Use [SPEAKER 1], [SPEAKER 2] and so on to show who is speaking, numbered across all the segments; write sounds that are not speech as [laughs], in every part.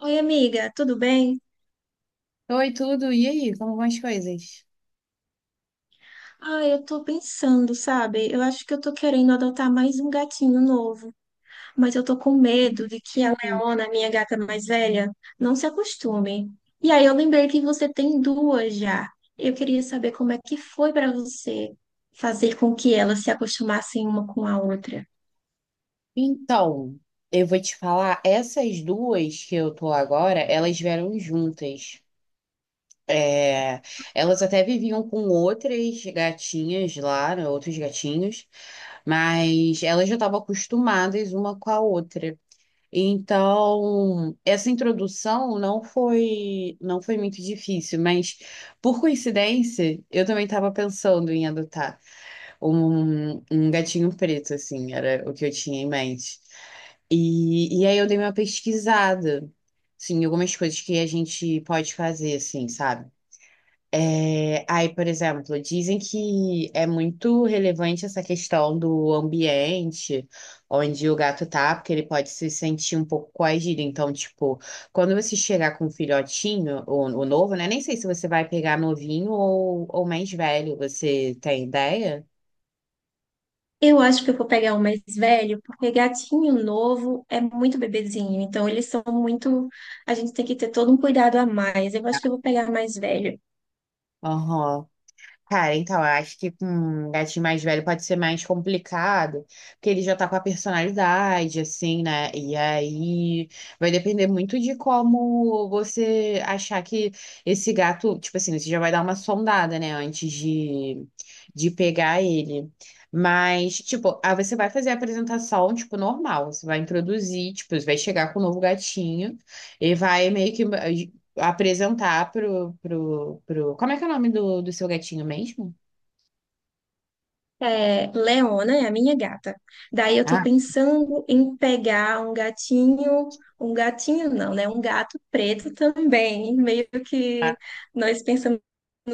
[SPEAKER 1] Oi, amiga, tudo bem?
[SPEAKER 2] Oi, tudo. E aí, como vão as coisas?
[SPEAKER 1] Ah, eu tô pensando, sabe? Eu acho que eu tô querendo adotar mais um gatinho novo, mas eu tô com medo de que a
[SPEAKER 2] Uhum.
[SPEAKER 1] Leona, minha gata mais velha, não se acostume. E aí eu lembrei que você tem duas já. Eu queria saber como é que foi pra você fazer com que elas se acostumassem uma com a outra.
[SPEAKER 2] Então, eu vou te falar, essas duas que eu tô agora, elas vieram juntas. É, elas até viviam com outras gatinhas lá, né, outros gatinhos, mas elas já estavam acostumadas uma com a outra. Então, essa introdução não foi muito difícil, mas por coincidência, eu também estava pensando em adotar. Um gatinho preto, assim, era o que eu tinha em mente. E aí eu dei uma pesquisada, assim, algumas coisas que a gente pode fazer, assim, sabe? É, aí, por exemplo, dizem que é muito relevante essa questão do ambiente onde o gato tá, porque ele pode se sentir um pouco coagido. Então, tipo, quando você chegar com um filhotinho, o novo, né? Nem sei se você vai pegar novinho ou mais velho, você tem ideia?
[SPEAKER 1] Eu acho que eu vou pegar o mais velho, porque gatinho novo é muito bebezinho, então eles são muito. A gente tem que ter todo um cuidado a mais. Eu acho que eu vou pegar mais velho.
[SPEAKER 2] Aham. Cara, então, eu acho que com um gatinho mais velho pode ser mais complicado, porque ele já tá com a personalidade, assim, né? E aí vai depender muito de como você achar que esse gato, tipo assim, você já vai dar uma sondada, né, antes de pegar ele. Mas, tipo, aí você vai fazer a apresentação, tipo, normal. Você vai introduzir, tipo, você vai chegar com o novo gatinho e vai meio que apresentar pro... Como é que é o nome do seu gatinho mesmo?
[SPEAKER 1] Leona é a minha gata. Daí eu tô
[SPEAKER 2] Ah,
[SPEAKER 1] pensando em pegar um gatinho não, né? Um gato preto também, meio que
[SPEAKER 2] tá.
[SPEAKER 1] nós pensamos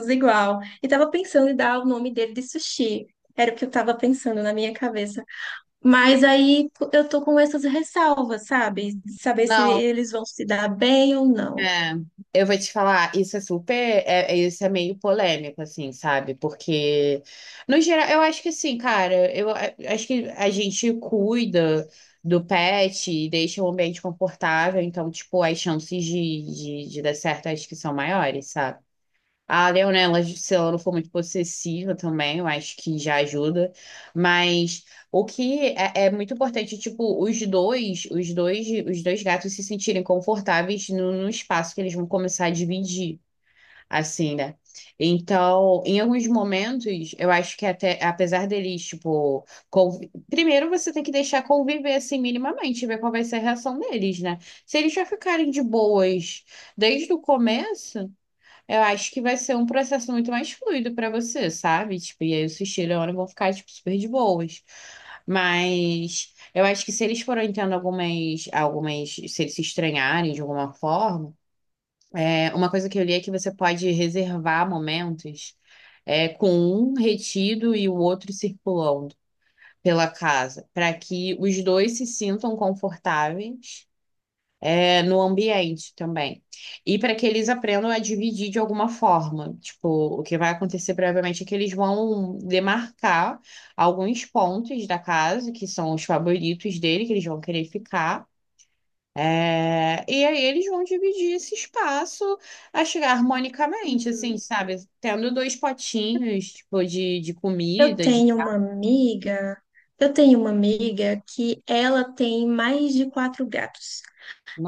[SPEAKER 1] igual. E tava pensando em dar o nome dele de Sushi. Era o que eu tava pensando na minha cabeça. Mas aí eu tô com essas ressalvas, sabe? De saber se
[SPEAKER 2] Não,
[SPEAKER 1] eles vão se dar bem ou não.
[SPEAKER 2] é, eu vou te falar, isso é super, é, isso é meio polêmico, assim, sabe? Porque, no geral, eu acho que assim, cara, acho que a gente cuida do pet e deixa o ambiente confortável, então, tipo, as chances de dar certo acho que são maiores, sabe? A Leonela, se ela não for muito possessiva também, eu acho que já ajuda. Mas o que é, é muito importante, tipo, os dois gatos se sentirem confortáveis no espaço que eles vão começar a dividir, assim, né? Então, em alguns momentos, eu acho que até, apesar deles, tipo, primeiro você tem que deixar conviver assim minimamente, ver qual vai ser a reação deles, né? Se eles já ficarem de boas desde o começo. Eu acho que vai ser um processo muito mais fluido pra você, sabe? Tipo, e aí os filhos agora vão ficar, tipo, super de boas. Mas eu acho que se eles forem tendo se eles se estranharem de alguma forma, é, uma coisa que eu li é que você pode reservar momentos, é, com um retido e o outro circulando pela casa, para que os dois se sintam confortáveis é, no ambiente também. E para que eles aprendam a dividir de alguma forma. Tipo, o que vai acontecer provavelmente é que eles vão demarcar alguns pontos da casa, que são os favoritos dele, que eles vão querer ficar. É, e aí eles vão dividir esse espaço, acho que harmonicamente, assim, sabe? Tendo dois potinhos, tipo, de
[SPEAKER 1] Eu
[SPEAKER 2] comida, de...
[SPEAKER 1] tenho uma amiga, eu tenho uma amiga que ela tem mais de quatro gatos.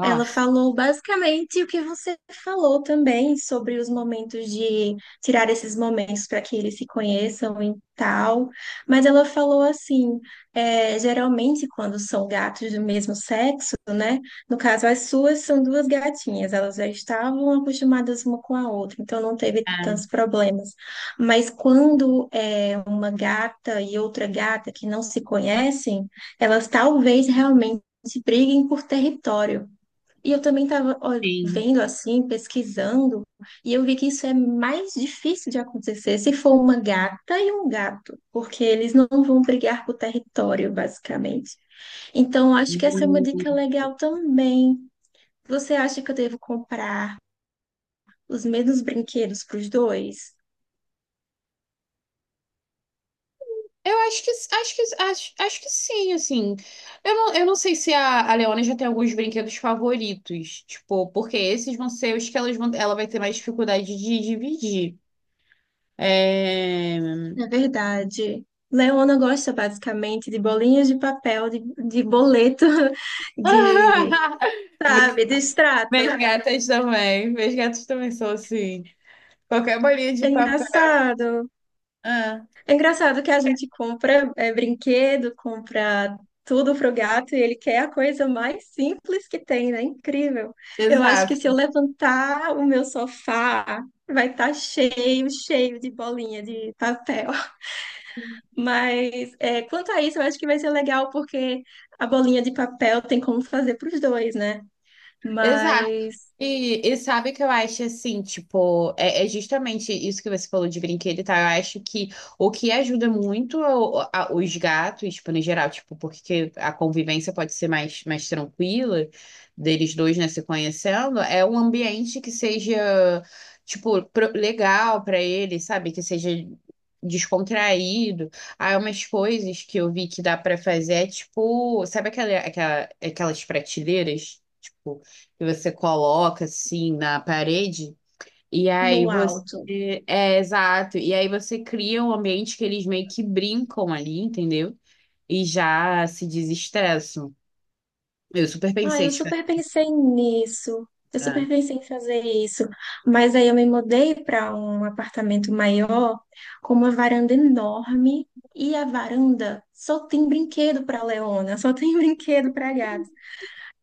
[SPEAKER 1] Ela falou basicamente o que você falou também sobre os momentos de tirar esses momentos para que eles se conheçam e tal. Mas ela falou assim: geralmente, quando são gatos do mesmo sexo, né? No caso, as suas são duas gatinhas, elas já estavam acostumadas uma com a outra, então não teve
[SPEAKER 2] Ah,
[SPEAKER 1] tantos problemas. Mas quando é uma gata e outra gata que não se conhecem, elas talvez realmente briguem por território. E eu também estava
[SPEAKER 2] sim.
[SPEAKER 1] vendo assim, pesquisando, e eu vi que isso é mais difícil de acontecer se for uma gata e um gato, porque eles não vão brigar por território, basicamente. Então, eu acho que essa é uma dica legal também. Você acha que eu devo comprar os mesmos brinquedos para os dois?
[SPEAKER 2] Eu acho acho que sim, assim. Eu não sei se a Leona já tem alguns brinquedos favoritos, tipo, porque esses vão ser os que elas vão, ela vai ter mais dificuldade de dividir. É...
[SPEAKER 1] É verdade. Leona gosta basicamente de bolinhas de papel, de boleto, [laughs] de,
[SPEAKER 2] [laughs]
[SPEAKER 1] sabe, de
[SPEAKER 2] Meus
[SPEAKER 1] extrato.
[SPEAKER 2] gatas também, meus gatos também são assim. Qualquer bolinha de
[SPEAKER 1] É
[SPEAKER 2] papel.
[SPEAKER 1] engraçado.
[SPEAKER 2] Ah,
[SPEAKER 1] É engraçado que a gente compra brinquedo, compra tudo pro gato e ele quer a coisa mais simples que tem, né? Incrível. Eu acho que
[SPEAKER 2] exato,
[SPEAKER 1] se eu levantar o meu sofá, vai estar cheio, cheio de bolinha de papel. [laughs] Mas quanto a isso, eu acho que vai ser legal porque a bolinha de papel tem como fazer para os dois, né?
[SPEAKER 2] exato.
[SPEAKER 1] Mas
[SPEAKER 2] E sabe o que eu acho assim, tipo, é, é justamente isso que você falou de brinquedo e tal. Eu acho que o que ajuda muito os gatos, tipo, no geral, tipo, porque a convivência pode ser mais tranquila deles dois, né, se conhecendo, é um ambiente que seja, tipo, legal pra eles, sabe? Que seja descontraído. Há umas coisas que eu vi que dá pra fazer, é, tipo, sabe aquelas prateleiras? Tipo, que você coloca assim na parede, e aí
[SPEAKER 1] no
[SPEAKER 2] você.
[SPEAKER 1] alto.
[SPEAKER 2] É, exato. E aí você cria um ambiente que eles meio que brincam ali, entendeu? E já se desestressam. Eu super
[SPEAKER 1] Ah,
[SPEAKER 2] pensei,
[SPEAKER 1] eu
[SPEAKER 2] tipo,
[SPEAKER 1] super pensei nisso. Eu
[SPEAKER 2] ah,
[SPEAKER 1] super pensei em fazer isso. Mas aí eu me mudei para um apartamento maior, com uma varanda enorme. E a varanda só tem brinquedo para Leona, só tem [laughs] brinquedo para gato.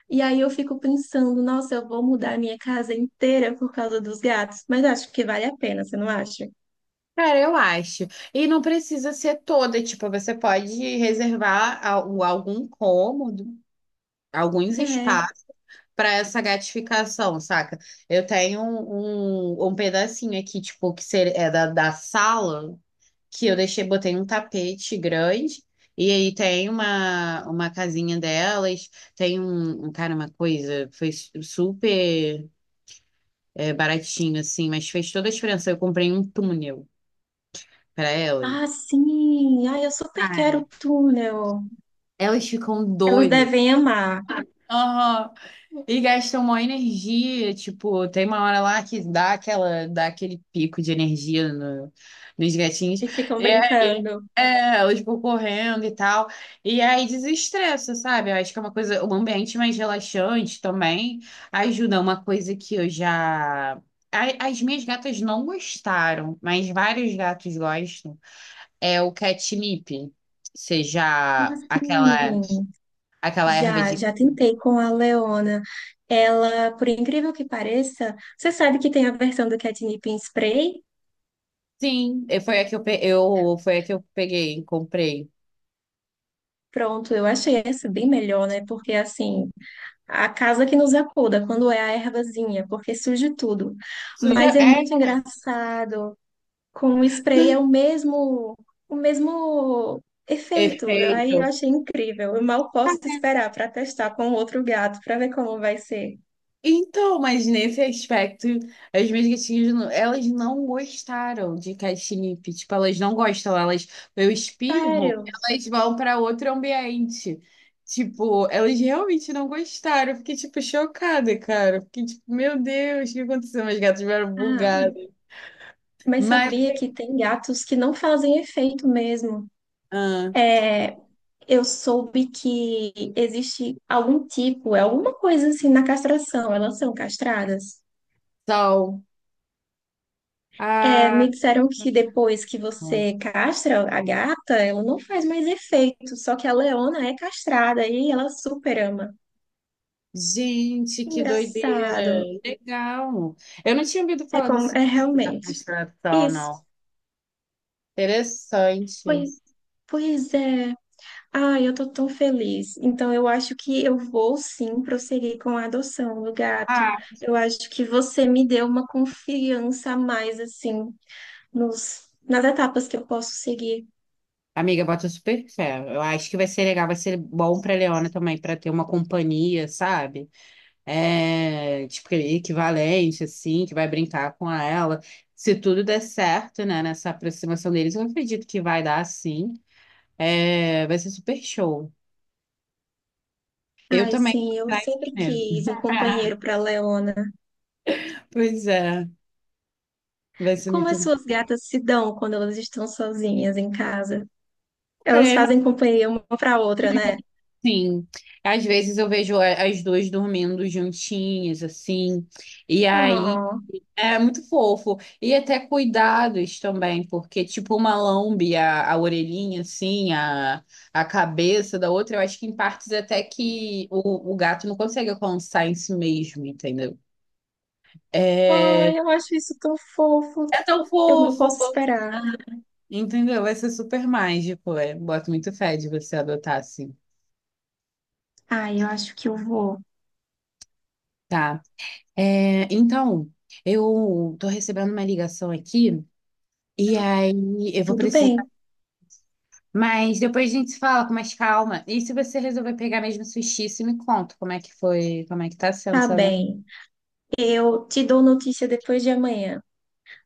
[SPEAKER 1] E aí eu fico pensando, nossa, eu vou mudar a minha casa inteira por causa dos gatos. Mas acho que vale a pena, você não acha?
[SPEAKER 2] cara, eu acho. E não precisa ser toda, tipo, você pode reservar algum cômodo, alguns
[SPEAKER 1] É.
[SPEAKER 2] espaços para essa gratificação, saca? Eu tenho um pedacinho aqui, tipo, que ser, é da sala. Que eu deixei, botei um tapete grande, e aí tem uma casinha delas, tem cara, uma coisa, foi super é, baratinho, assim, mas fez toda a diferença. Eu comprei um túnel para elas.
[SPEAKER 1] Ah, sim. Ah, eu super quero
[SPEAKER 2] Cara,
[SPEAKER 1] o túnel.
[SPEAKER 2] elas ficam
[SPEAKER 1] Elas
[SPEAKER 2] doidas.
[SPEAKER 1] devem amar
[SPEAKER 2] E gastam uma energia, tipo, tem uma hora lá que dá aquela, dá aquele pico de energia nos gatinhos.
[SPEAKER 1] e
[SPEAKER 2] E
[SPEAKER 1] ficam
[SPEAKER 2] aí,
[SPEAKER 1] brincando.
[SPEAKER 2] é, elas vão correndo e tal. E aí desestressa, sabe? Eu acho que é uma coisa, um ambiente mais relaxante também ajuda. Uma coisa que eu já. As minhas gatas não gostaram, mas vários gatos gostam. É o catnip.
[SPEAKER 1] Ah,
[SPEAKER 2] Seja aquela
[SPEAKER 1] sim.
[SPEAKER 2] aquela erva
[SPEAKER 1] Já,
[SPEAKER 2] de
[SPEAKER 1] já tentei com a Leona. Ela, por incrível que pareça, você sabe que tem a versão do catnip em spray?
[SPEAKER 2] Sim, e foi a que foi a que eu peguei, comprei.
[SPEAKER 1] Pronto, eu achei essa bem melhor, né? Porque assim, a casa que nos acuda quando é a ervazinha, porque surge tudo.
[SPEAKER 2] Suja,
[SPEAKER 1] Mas é
[SPEAKER 2] é,
[SPEAKER 1] muito engraçado. Com o spray é o mesmo efeito. Eu Aí eu
[SPEAKER 2] efeito.
[SPEAKER 1] achei incrível. Eu mal posso esperar para testar com outro gato, para ver como vai ser.
[SPEAKER 2] Então, mas nesse aspecto, as minhas gatinhas, elas não gostaram de catnip. Tipo, elas não gostam, elas, eu espirro,
[SPEAKER 1] Sério?
[SPEAKER 2] elas vão para outro ambiente. Tipo, elas realmente não gostaram. Eu fiquei, tipo, chocada, cara. Eu fiquei, tipo, meu Deus, o que aconteceu? Meus gatos vieram
[SPEAKER 1] Ah.
[SPEAKER 2] bugados.
[SPEAKER 1] Mas
[SPEAKER 2] Mas,
[SPEAKER 1] sabia que tem gatos que não fazem efeito mesmo.
[SPEAKER 2] ah,
[SPEAKER 1] Eu soube que existe algum tipo, alguma coisa assim na castração, elas são castradas.
[SPEAKER 2] sal.
[SPEAKER 1] É,
[SPEAKER 2] Ah.
[SPEAKER 1] me disseram que depois que você castra a gata, ela não faz mais efeito, só que a Leona é castrada e ela super ama.
[SPEAKER 2] Gente, que doideira!
[SPEAKER 1] Engraçado.
[SPEAKER 2] Legal! Eu não tinha ouvido
[SPEAKER 1] É
[SPEAKER 2] falar
[SPEAKER 1] como,
[SPEAKER 2] desse
[SPEAKER 1] é
[SPEAKER 2] da
[SPEAKER 1] realmente.
[SPEAKER 2] constelação,
[SPEAKER 1] Isso.
[SPEAKER 2] não.
[SPEAKER 1] Pois,
[SPEAKER 2] Interessante.
[SPEAKER 1] pois é. Ai, eu tô tão feliz. Então, eu acho que eu vou sim prosseguir com a adoção do gato.
[SPEAKER 2] Ah,
[SPEAKER 1] Eu acho que você me deu uma confiança a mais, assim, nas etapas que eu posso seguir.
[SPEAKER 2] amiga, bota super fé. Eu acho que vai ser legal, vai ser bom para Leona também, para ter uma companhia, sabe? É, tipo, equivalente, assim, que vai brincar com ela. Se tudo der certo, né, nessa aproximação deles, eu acredito que vai dar, sim. É, vai ser super show. Eu
[SPEAKER 1] Ai,
[SPEAKER 2] também
[SPEAKER 1] sim, eu
[SPEAKER 2] vou atrás
[SPEAKER 1] sempre
[SPEAKER 2] mesmo.
[SPEAKER 1] quis um
[SPEAKER 2] [laughs]
[SPEAKER 1] companheiro para Leona.
[SPEAKER 2] Pois é, vai ser
[SPEAKER 1] Como
[SPEAKER 2] muito
[SPEAKER 1] as suas gatas se dão quando elas estão sozinhas em casa? Elas
[SPEAKER 2] problema,
[SPEAKER 1] fazem companhia uma para outra, né?
[SPEAKER 2] sim. Às vezes eu vejo as duas dormindo juntinhas, assim, e aí
[SPEAKER 1] Oh,
[SPEAKER 2] é muito fofo. E até cuidados também, porque tipo uma lambe a orelhinha, assim, a cabeça da outra, eu acho que em partes até que o gato não consegue alcançar em si mesmo, entendeu? É,
[SPEAKER 1] ai, eu acho isso tão fofo.
[SPEAKER 2] é tão
[SPEAKER 1] Eu não
[SPEAKER 2] fofo.
[SPEAKER 1] posso esperar.
[SPEAKER 2] Ah, entendeu? Vai ser super mágico, é. Boto muito fé de você adotar, assim.
[SPEAKER 1] Ai, eu acho que eu vou.
[SPEAKER 2] Tá. É, então, eu tô recebendo uma ligação aqui e aí eu vou
[SPEAKER 1] Tudo
[SPEAKER 2] precisar.
[SPEAKER 1] bem,
[SPEAKER 2] Mas depois a gente se fala com mais calma. E se você resolver pegar mesmo Sushi, você me conta como é que foi, como é que tá sendo,
[SPEAKER 1] tá
[SPEAKER 2] sabe?
[SPEAKER 1] bem. Eu te dou notícia depois de amanhã.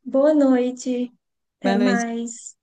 [SPEAKER 1] Boa noite, até
[SPEAKER 2] Boa noite.
[SPEAKER 1] mais.